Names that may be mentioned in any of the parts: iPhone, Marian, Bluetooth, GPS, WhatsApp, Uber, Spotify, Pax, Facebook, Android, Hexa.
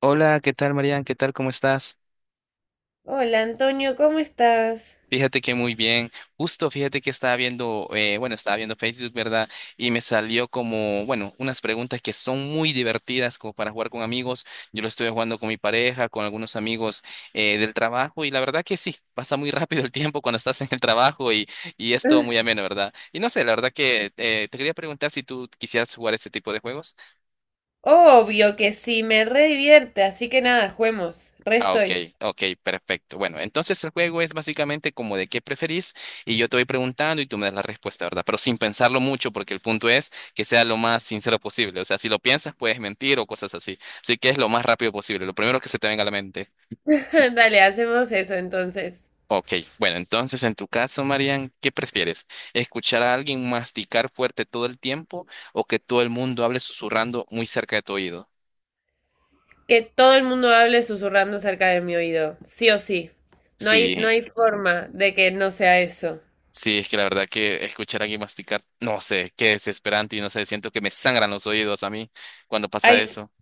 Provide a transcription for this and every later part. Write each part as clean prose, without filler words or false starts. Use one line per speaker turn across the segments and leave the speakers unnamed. Hola, ¿qué tal, Marian? ¿Qué tal? ¿Cómo estás?
Hola Antonio, ¿cómo estás?
Fíjate que muy bien. Justo, fíjate que estaba viendo, bueno, estaba viendo Facebook, ¿verdad? Y me salió como, bueno, unas preguntas que son muy divertidas como para jugar con amigos. Yo lo estuve jugando con mi pareja, con algunos amigos del trabajo y la verdad que sí, pasa muy rápido el tiempo cuando estás en el trabajo y es todo muy ameno, ¿verdad? Y no sé, la verdad que te quería preguntar si tú quisieras jugar ese tipo de juegos.
Obvio que sí, me re divierte, así que nada, juguemos. Re
Ah, ok,
estoy.
ok, perfecto. Bueno, entonces el juego es básicamente como de qué preferís y yo te voy preguntando y tú me das la respuesta, ¿verdad? Pero sin pensarlo mucho porque el punto es que sea lo más sincero posible. O sea, si lo piensas puedes mentir o cosas así. Así que es lo más rápido posible, lo primero que se te venga a la mente.
Dale, hacemos eso entonces.
Ok, bueno, entonces en tu caso, Marian, ¿qué prefieres? ¿Escuchar a alguien masticar fuerte todo el tiempo o que todo el mundo hable susurrando muy cerca de tu oído?
Que todo el mundo hable susurrando cerca de mi oído, sí o sí. No hay, no
Sí.
hay forma de que no sea eso.
Sí, es que la verdad que escuchar aquí masticar, no sé, qué desesperante y no sé, siento que me sangran los oídos a mí cuando pasa
Ay,
eso.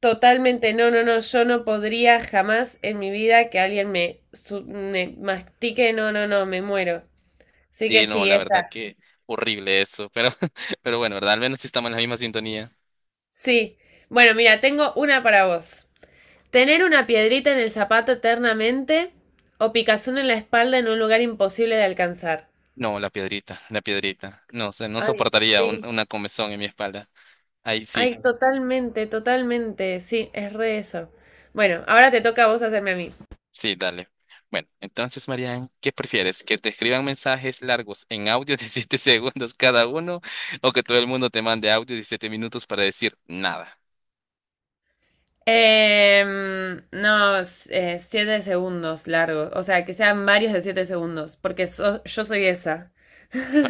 totalmente, no, no, no, yo no podría jamás en mi vida que me mastique, no, no, no, me muero. Así que
Sí, no,
sí,
la verdad
esta.
que horrible eso, pero, pero bueno, ¿verdad? Al menos sí estamos en la misma sintonía.
Sí. Bueno, mira, tengo una para vos. Tener una piedrita en el zapato eternamente o picazón en la espalda en un lugar imposible de alcanzar.
No, la piedrita, la piedrita. No sé, no
Ay,
soportaría un-
sí.
una comezón en mi espalda. Ahí sí,
Ay, totalmente, totalmente. Sí, es re eso. Bueno, ahora te toca a vos hacerme a mí.
sí, dale. Bueno, entonces, Marian, ¿qué prefieres? ¿Que te escriban mensajes largos en audio de 7 segundos cada uno o que todo el mundo te mande audio de 7 minutos para decir nada?
No, siete segundos largos. O sea, que sean varios de siete segundos, porque yo soy esa.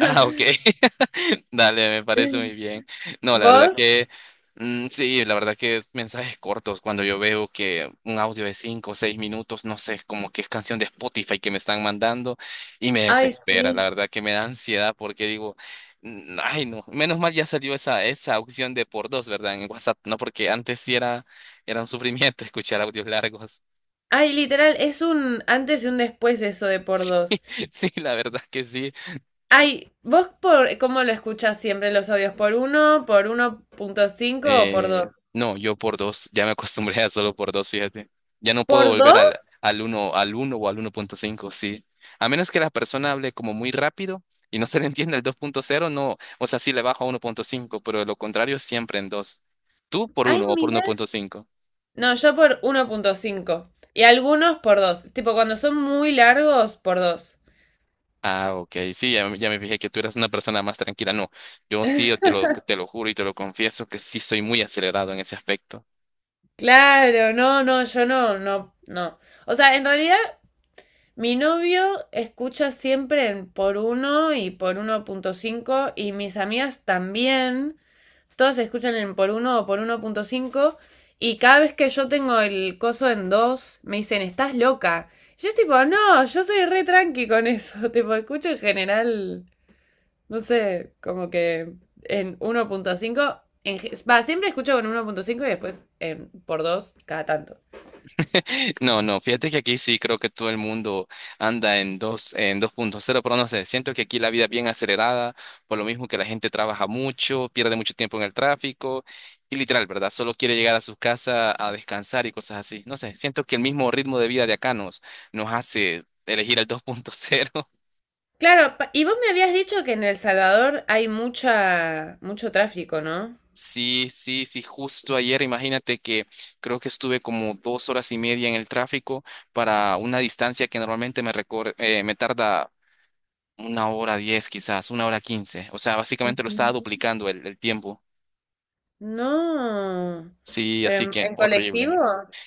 Ah, ok. Dale, me parece muy bien. No, la verdad
¿Vos?
que mm, sí, la verdad que es mensajes cortos. Cuando yo veo que un audio de cinco o seis minutos, no sé, como que es canción de Spotify que me están mandando y me
Ay,
desespera. La
sí.
verdad que me da ansiedad porque digo, mm, ay, no, menos mal ya salió esa opción de por dos, ¿verdad? En WhatsApp, no, porque antes sí era un sufrimiento escuchar audios largos.
Ay, literal, es un antes y un después eso de por dos.
Sí, la verdad que sí.
Ay, ¿vos por cómo lo escuchas siempre los audios? Por uno punto cinco o por
Eh,
dos?
no, yo por dos, ya me acostumbré a solo por dos, fíjate. Ya no puedo
¿Por
volver
dos?
al uno o al uno punto cinco. Sí. A menos que la persona hable como muy rápido y no se le entienda el dos punto cero, no, o sea, sí le bajo a uno punto cinco, pero de lo contrario siempre en dos. Tú por
Ay,
uno o por uno
mira.
punto cinco.
No, yo por uno punto cinco y algunos por dos. Tipo, cuando son muy largos, por dos.
Ah, ok, sí, ya, ya me fijé que tú eras una persona más tranquila. No, yo sí, te lo juro y te lo confieso que sí soy muy acelerado en ese aspecto.
Claro, no, no, yo no, no, no. O sea, en realidad, mi novio escucha siempre en por uno y por uno punto cinco y mis amigas también. Todos se escuchan en por uno o por uno punto cinco. Y cada vez que yo tengo el coso en 2 me dicen, estás loca. Y yo es tipo, no, yo soy re tranqui con eso. Tipo, escucho en general, no sé, como que en uno punto cinco. Va, siempre escucho con uno punto cinco y después por dos cada tanto.
No, no, fíjate que aquí sí creo que todo el mundo anda en dos punto cero, pero no sé, siento que aquí la vida es bien acelerada, por lo mismo que la gente trabaja mucho, pierde mucho tiempo en el tráfico y literal, ¿verdad? Solo quiere llegar a su casa a descansar y cosas así. No sé, siento que el mismo ritmo de vida de acá nos hace elegir el dos punto cero.
Claro, y vos me habías dicho que en El Salvador hay mucho tráfico, ¿no?
Sí, sí, sí, justo ayer, imagínate que creo que estuve como dos horas y media en el tráfico para una distancia que normalmente me tarda una hora diez quizás, una hora quince. O sea, básicamente lo estaba duplicando el tiempo.
No.
Sí, así
¿Pero
que
en colectivo?
horrible.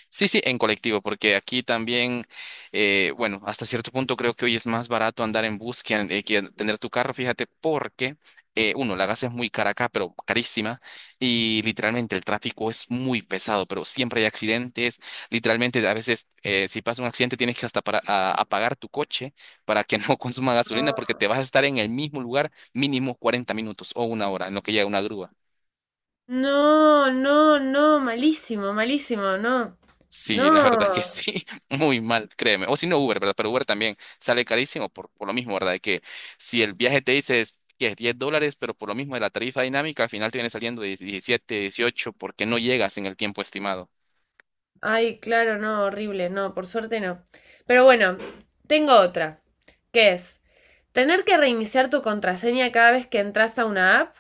Sí, sí, en colectivo, porque aquí también, bueno, hasta cierto punto creo que hoy es más barato andar en bus que tener tu carro, fíjate, porque, uno, la gas es muy cara acá, pero carísima, y literalmente el tráfico es muy pesado, pero siempre hay accidentes, literalmente a veces si pasa un accidente tienes que hasta apagar tu coche para que no consuma gasolina, porque te vas a estar en el mismo lugar mínimo 40 minutos o una hora en lo que llega una grúa.
No, no, no, malísimo, malísimo, no.
Sí, la
No.
verdad que sí, muy mal, créeme. O si no Uber, ¿verdad? Pero Uber también sale carísimo por lo mismo, ¿verdad? De que si el viaje te dice que es $10, pero por lo mismo de la tarifa dinámica, al final te viene saliendo de 17, 18, porque no llegas en el tiempo estimado.
Ay, claro, no, horrible, no, por suerte no. Pero bueno, tengo otra, que es tener que reiniciar tu contraseña cada vez que entras a una app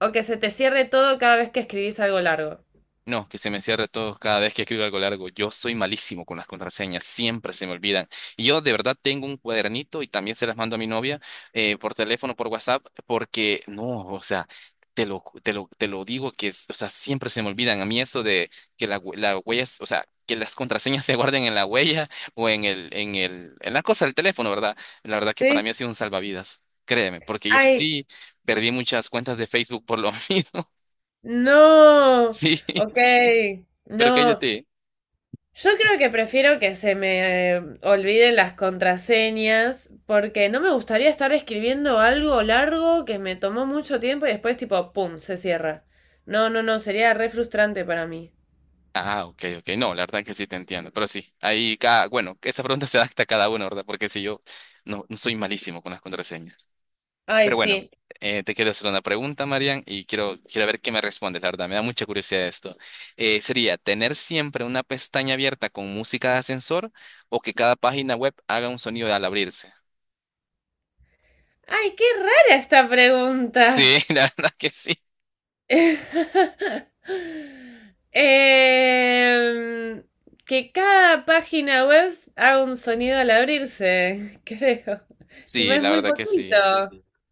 o que se te cierre todo cada vez que escribís algo largo.
No, que se me cierre todo cada vez que escribo algo largo. Yo soy malísimo con las contraseñas, siempre se me olvidan. Y yo de verdad tengo un cuadernito y también se las mando a mi novia por teléfono, por WhatsApp, porque no, o sea, te lo digo que, o sea, siempre se me olvidan. A mí eso de que la huella, o sea, que las contraseñas se guarden en la huella o en la cosa del teléfono, ¿verdad? La verdad que para mí
¿Sí?
ha sido un salvavidas, créeme, porque yo
Ay,
sí perdí muchas cuentas de Facebook por lo mismo.
no.
Sí,
Ok.
pero
No.
cállate.
Yo creo que prefiero que se me olviden las contraseñas porque no me gustaría estar escribiendo algo largo que me tomó mucho tiempo y después tipo, ¡pum!, se cierra. No, no, no, sería re frustrante para mí.
Ah, ok, ok. No, la verdad que sí te entiendo. Pero sí, ahí cada, bueno, que esa pregunta se adapta a cada uno, ¿verdad? Porque si yo no soy malísimo con las contraseñas.
Ay,
Pero bueno,
sí.
te quiero hacer una pregunta, Marian, y quiero ver qué me respondes, la verdad. Me da mucha curiosidad esto. Sería tener siempre una pestaña abierta con música de ascensor o que cada página web haga un sonido al abrirse.
Ay, qué rara esta pregunta.
Sí, la verdad que sí.
Em, que cada página web haga un sonido al abrirse, creo. Tipo,
Sí,
es
la
muy
verdad que
poquito.
sí.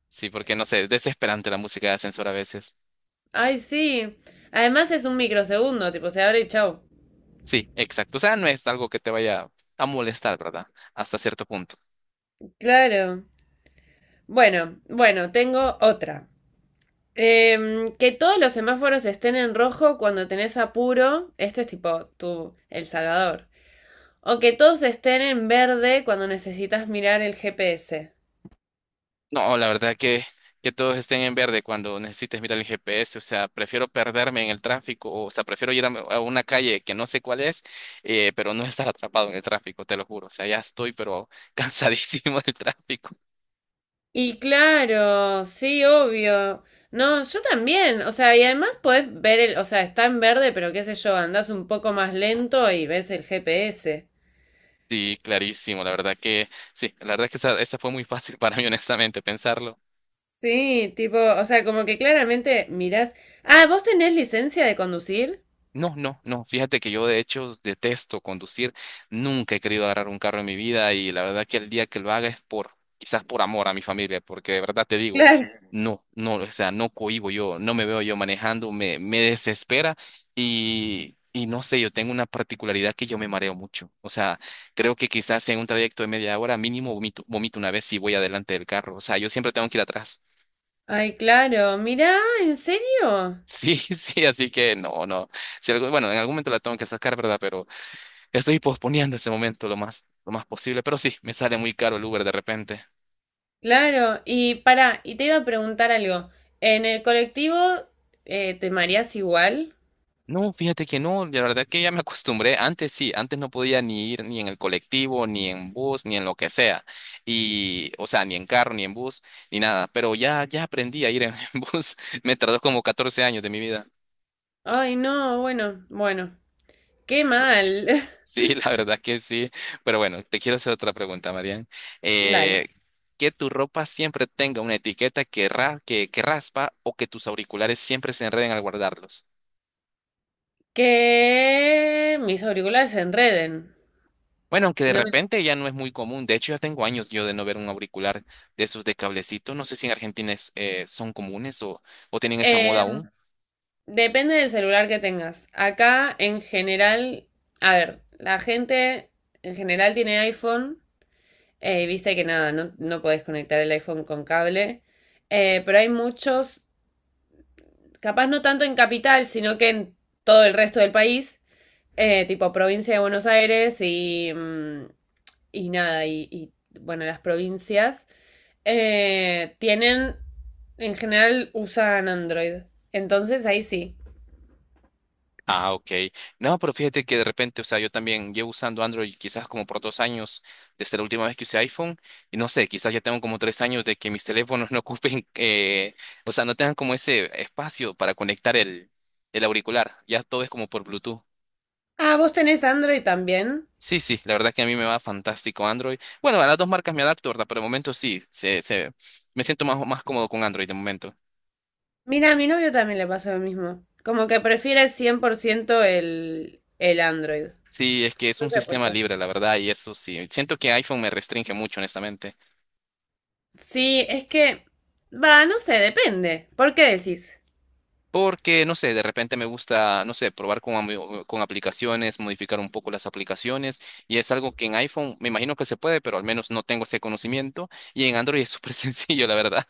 Sí, porque no sé, es desesperante la música de ascensor a veces.
Ay, sí. Además es un microsegundo, tipo, se abre y chau.
Sí, exacto. O sea, no es algo que te vaya a molestar, ¿verdad? Hasta cierto punto.
Claro. Bueno, bueno, tengo otra. Em, que todos los semáforos estén en rojo cuando tenés apuro. Esto es tipo tu, El Salvador. O que todos estén en verde cuando necesitas mirar el GPS.
No, la verdad que todos estén en verde cuando necesites mirar el GPS. O sea, prefiero perderme en el tráfico. O sea, prefiero ir a una calle que no sé cuál es, pero no estar atrapado en el tráfico, te lo juro. O sea, ya estoy, pero cansadísimo del tráfico.
Y claro, sí, obvio. No, yo también. O sea, y además podés ver o sea, está en verde, pero qué sé yo, andás un poco más lento y ves el GPS.
Sí, clarísimo. La verdad que, sí, la verdad que esa fue muy fácil para mí, honestamente, pensarlo.
Sí, tipo, o sea, como que claramente mirás. Ah, ¿vos tenés licencia de conducir?
No, no, no. Fíjate que yo de hecho detesto conducir. Nunca he querido agarrar un carro en mi vida y la verdad que el día que lo haga es por, quizás por amor a mi familia, porque de verdad te digo,
Claro.
no, no, o sea, no cohibo yo, no me veo yo manejando, me desespera y no sé, yo tengo una particularidad que yo me mareo mucho. O sea, creo que quizás en un trayecto de media hora mínimo vomito, vomito una vez si voy adelante del carro. O sea, yo siempre tengo que ir atrás.
Ay, claro, mirá, ¿en serio?
Sí, sí, así que no, no. Si algo- bueno, en algún momento la tengo que sacar, ¿verdad? Pero estoy posponiendo ese momento lo más posible, pero sí, me sale muy caro el Uber de repente.
Claro, y pará, y te iba a preguntar algo. ¿En el colectivo te mareás igual?
No, fíjate que no, la verdad que ya me acostumbré. Antes sí, antes no podía ni ir ni en el colectivo, ni en bus, ni en lo que sea. Y, o sea, ni en carro, ni en bus, ni nada. Pero ya, ya aprendí a ir en, en bus. Me tardó como 14 años de mi vida.
Ay, no, bueno, bueno, qué mal.
Sí, la verdad que sí. Pero bueno, te quiero hacer otra pregunta, Marian.
Dale.
Eh, que tu ropa siempre tenga una etiqueta que raspa o que tus auriculares siempre se enreden al guardarlos.
Que mis auriculares se enreden.
Bueno, aunque de
No me...
repente ya no es muy común. De hecho, ya tengo años yo de no ver un auricular de esos de cablecito. No sé si en Argentina son comunes o tienen esa moda
em,
aún.
depende del celular que tengas. Acá en general, a ver, la gente en general tiene iPhone, viste que nada, no podés conectar el iPhone con cable, pero hay muchos, capaz no tanto en capital, sino que en todo el resto del país, tipo provincia de Buenos Aires y, mm, y nada, y, bueno, las provincias, tienen, en general usan Android. Entonces ahí sí.
Ah, ok. No, pero fíjate que de repente, o sea, yo también llevo usando Android quizás como por 2 años desde la última vez que usé iPhone y no sé, quizás ya tengo como 3 años de que mis teléfonos no ocupen, o sea, no tengan como ese espacio para conectar el auricular. Ya todo es como por Bluetooth.
Ah, ¿vos tenés Android también?
Sí, sí, la verdad que a mí me va fantástico Android. Bueno, a las dos marcas me adapto, ¿verdad? Pero de momento sí, me siento más cómodo con Android de momento.
Mira, a mi novio también le pasa lo mismo. Como que prefiere 100% el Android.
Sí, es que es
No
un
sé por
sistema
qué.
libre, la verdad, y eso sí. Siento que iPhone me restringe mucho, honestamente.
Sí, es que, va, no sé, depende. ¿Por qué decís?
Porque, no sé, de repente me gusta, no sé, probar con aplicaciones, modificar un poco las aplicaciones. Y es algo que en iPhone me imagino que se puede, pero al menos no tengo ese conocimiento. Y en Android es súper sencillo, la verdad.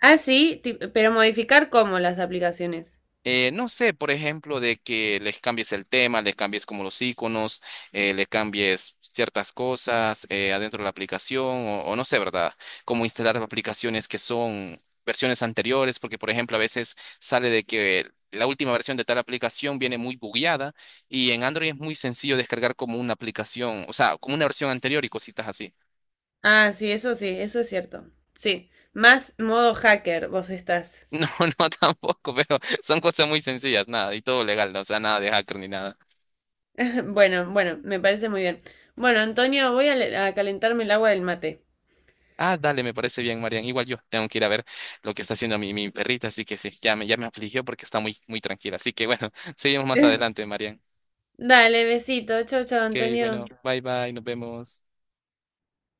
Ah, sí, pero modificar cómo las aplicaciones.
No sé, por ejemplo, de que les cambies el tema, les cambies como los iconos, le cambies ciertas cosas adentro de la aplicación, o no sé, ¿verdad? Como instalar aplicaciones que son versiones anteriores, porque, por ejemplo, a veces sale de que la última versión de tal aplicación viene muy bugueada y en Android es muy sencillo descargar como una aplicación, o sea, como una versión anterior y cositas así.
Ah, sí, eso es cierto. Sí, más modo hacker vos estás.
No, no tampoco, pero son cosas muy sencillas, nada, y todo legal, ¿no? O sea, nada de hacker ni nada.
Bueno, bueno, me parece muy bien. Bueno, Antonio, voy a, a calentarme el agua del mate.
Ah, dale, me parece bien, Marian. Igual yo tengo que ir a ver lo que está haciendo mi perrita, así que sí, ya me afligió porque está muy, muy tranquila. Así que bueno, seguimos más adelante, Marian.
Dale, besito. Chau, chau,
Ok,
Antonio.
bueno, bye bye, nos vemos.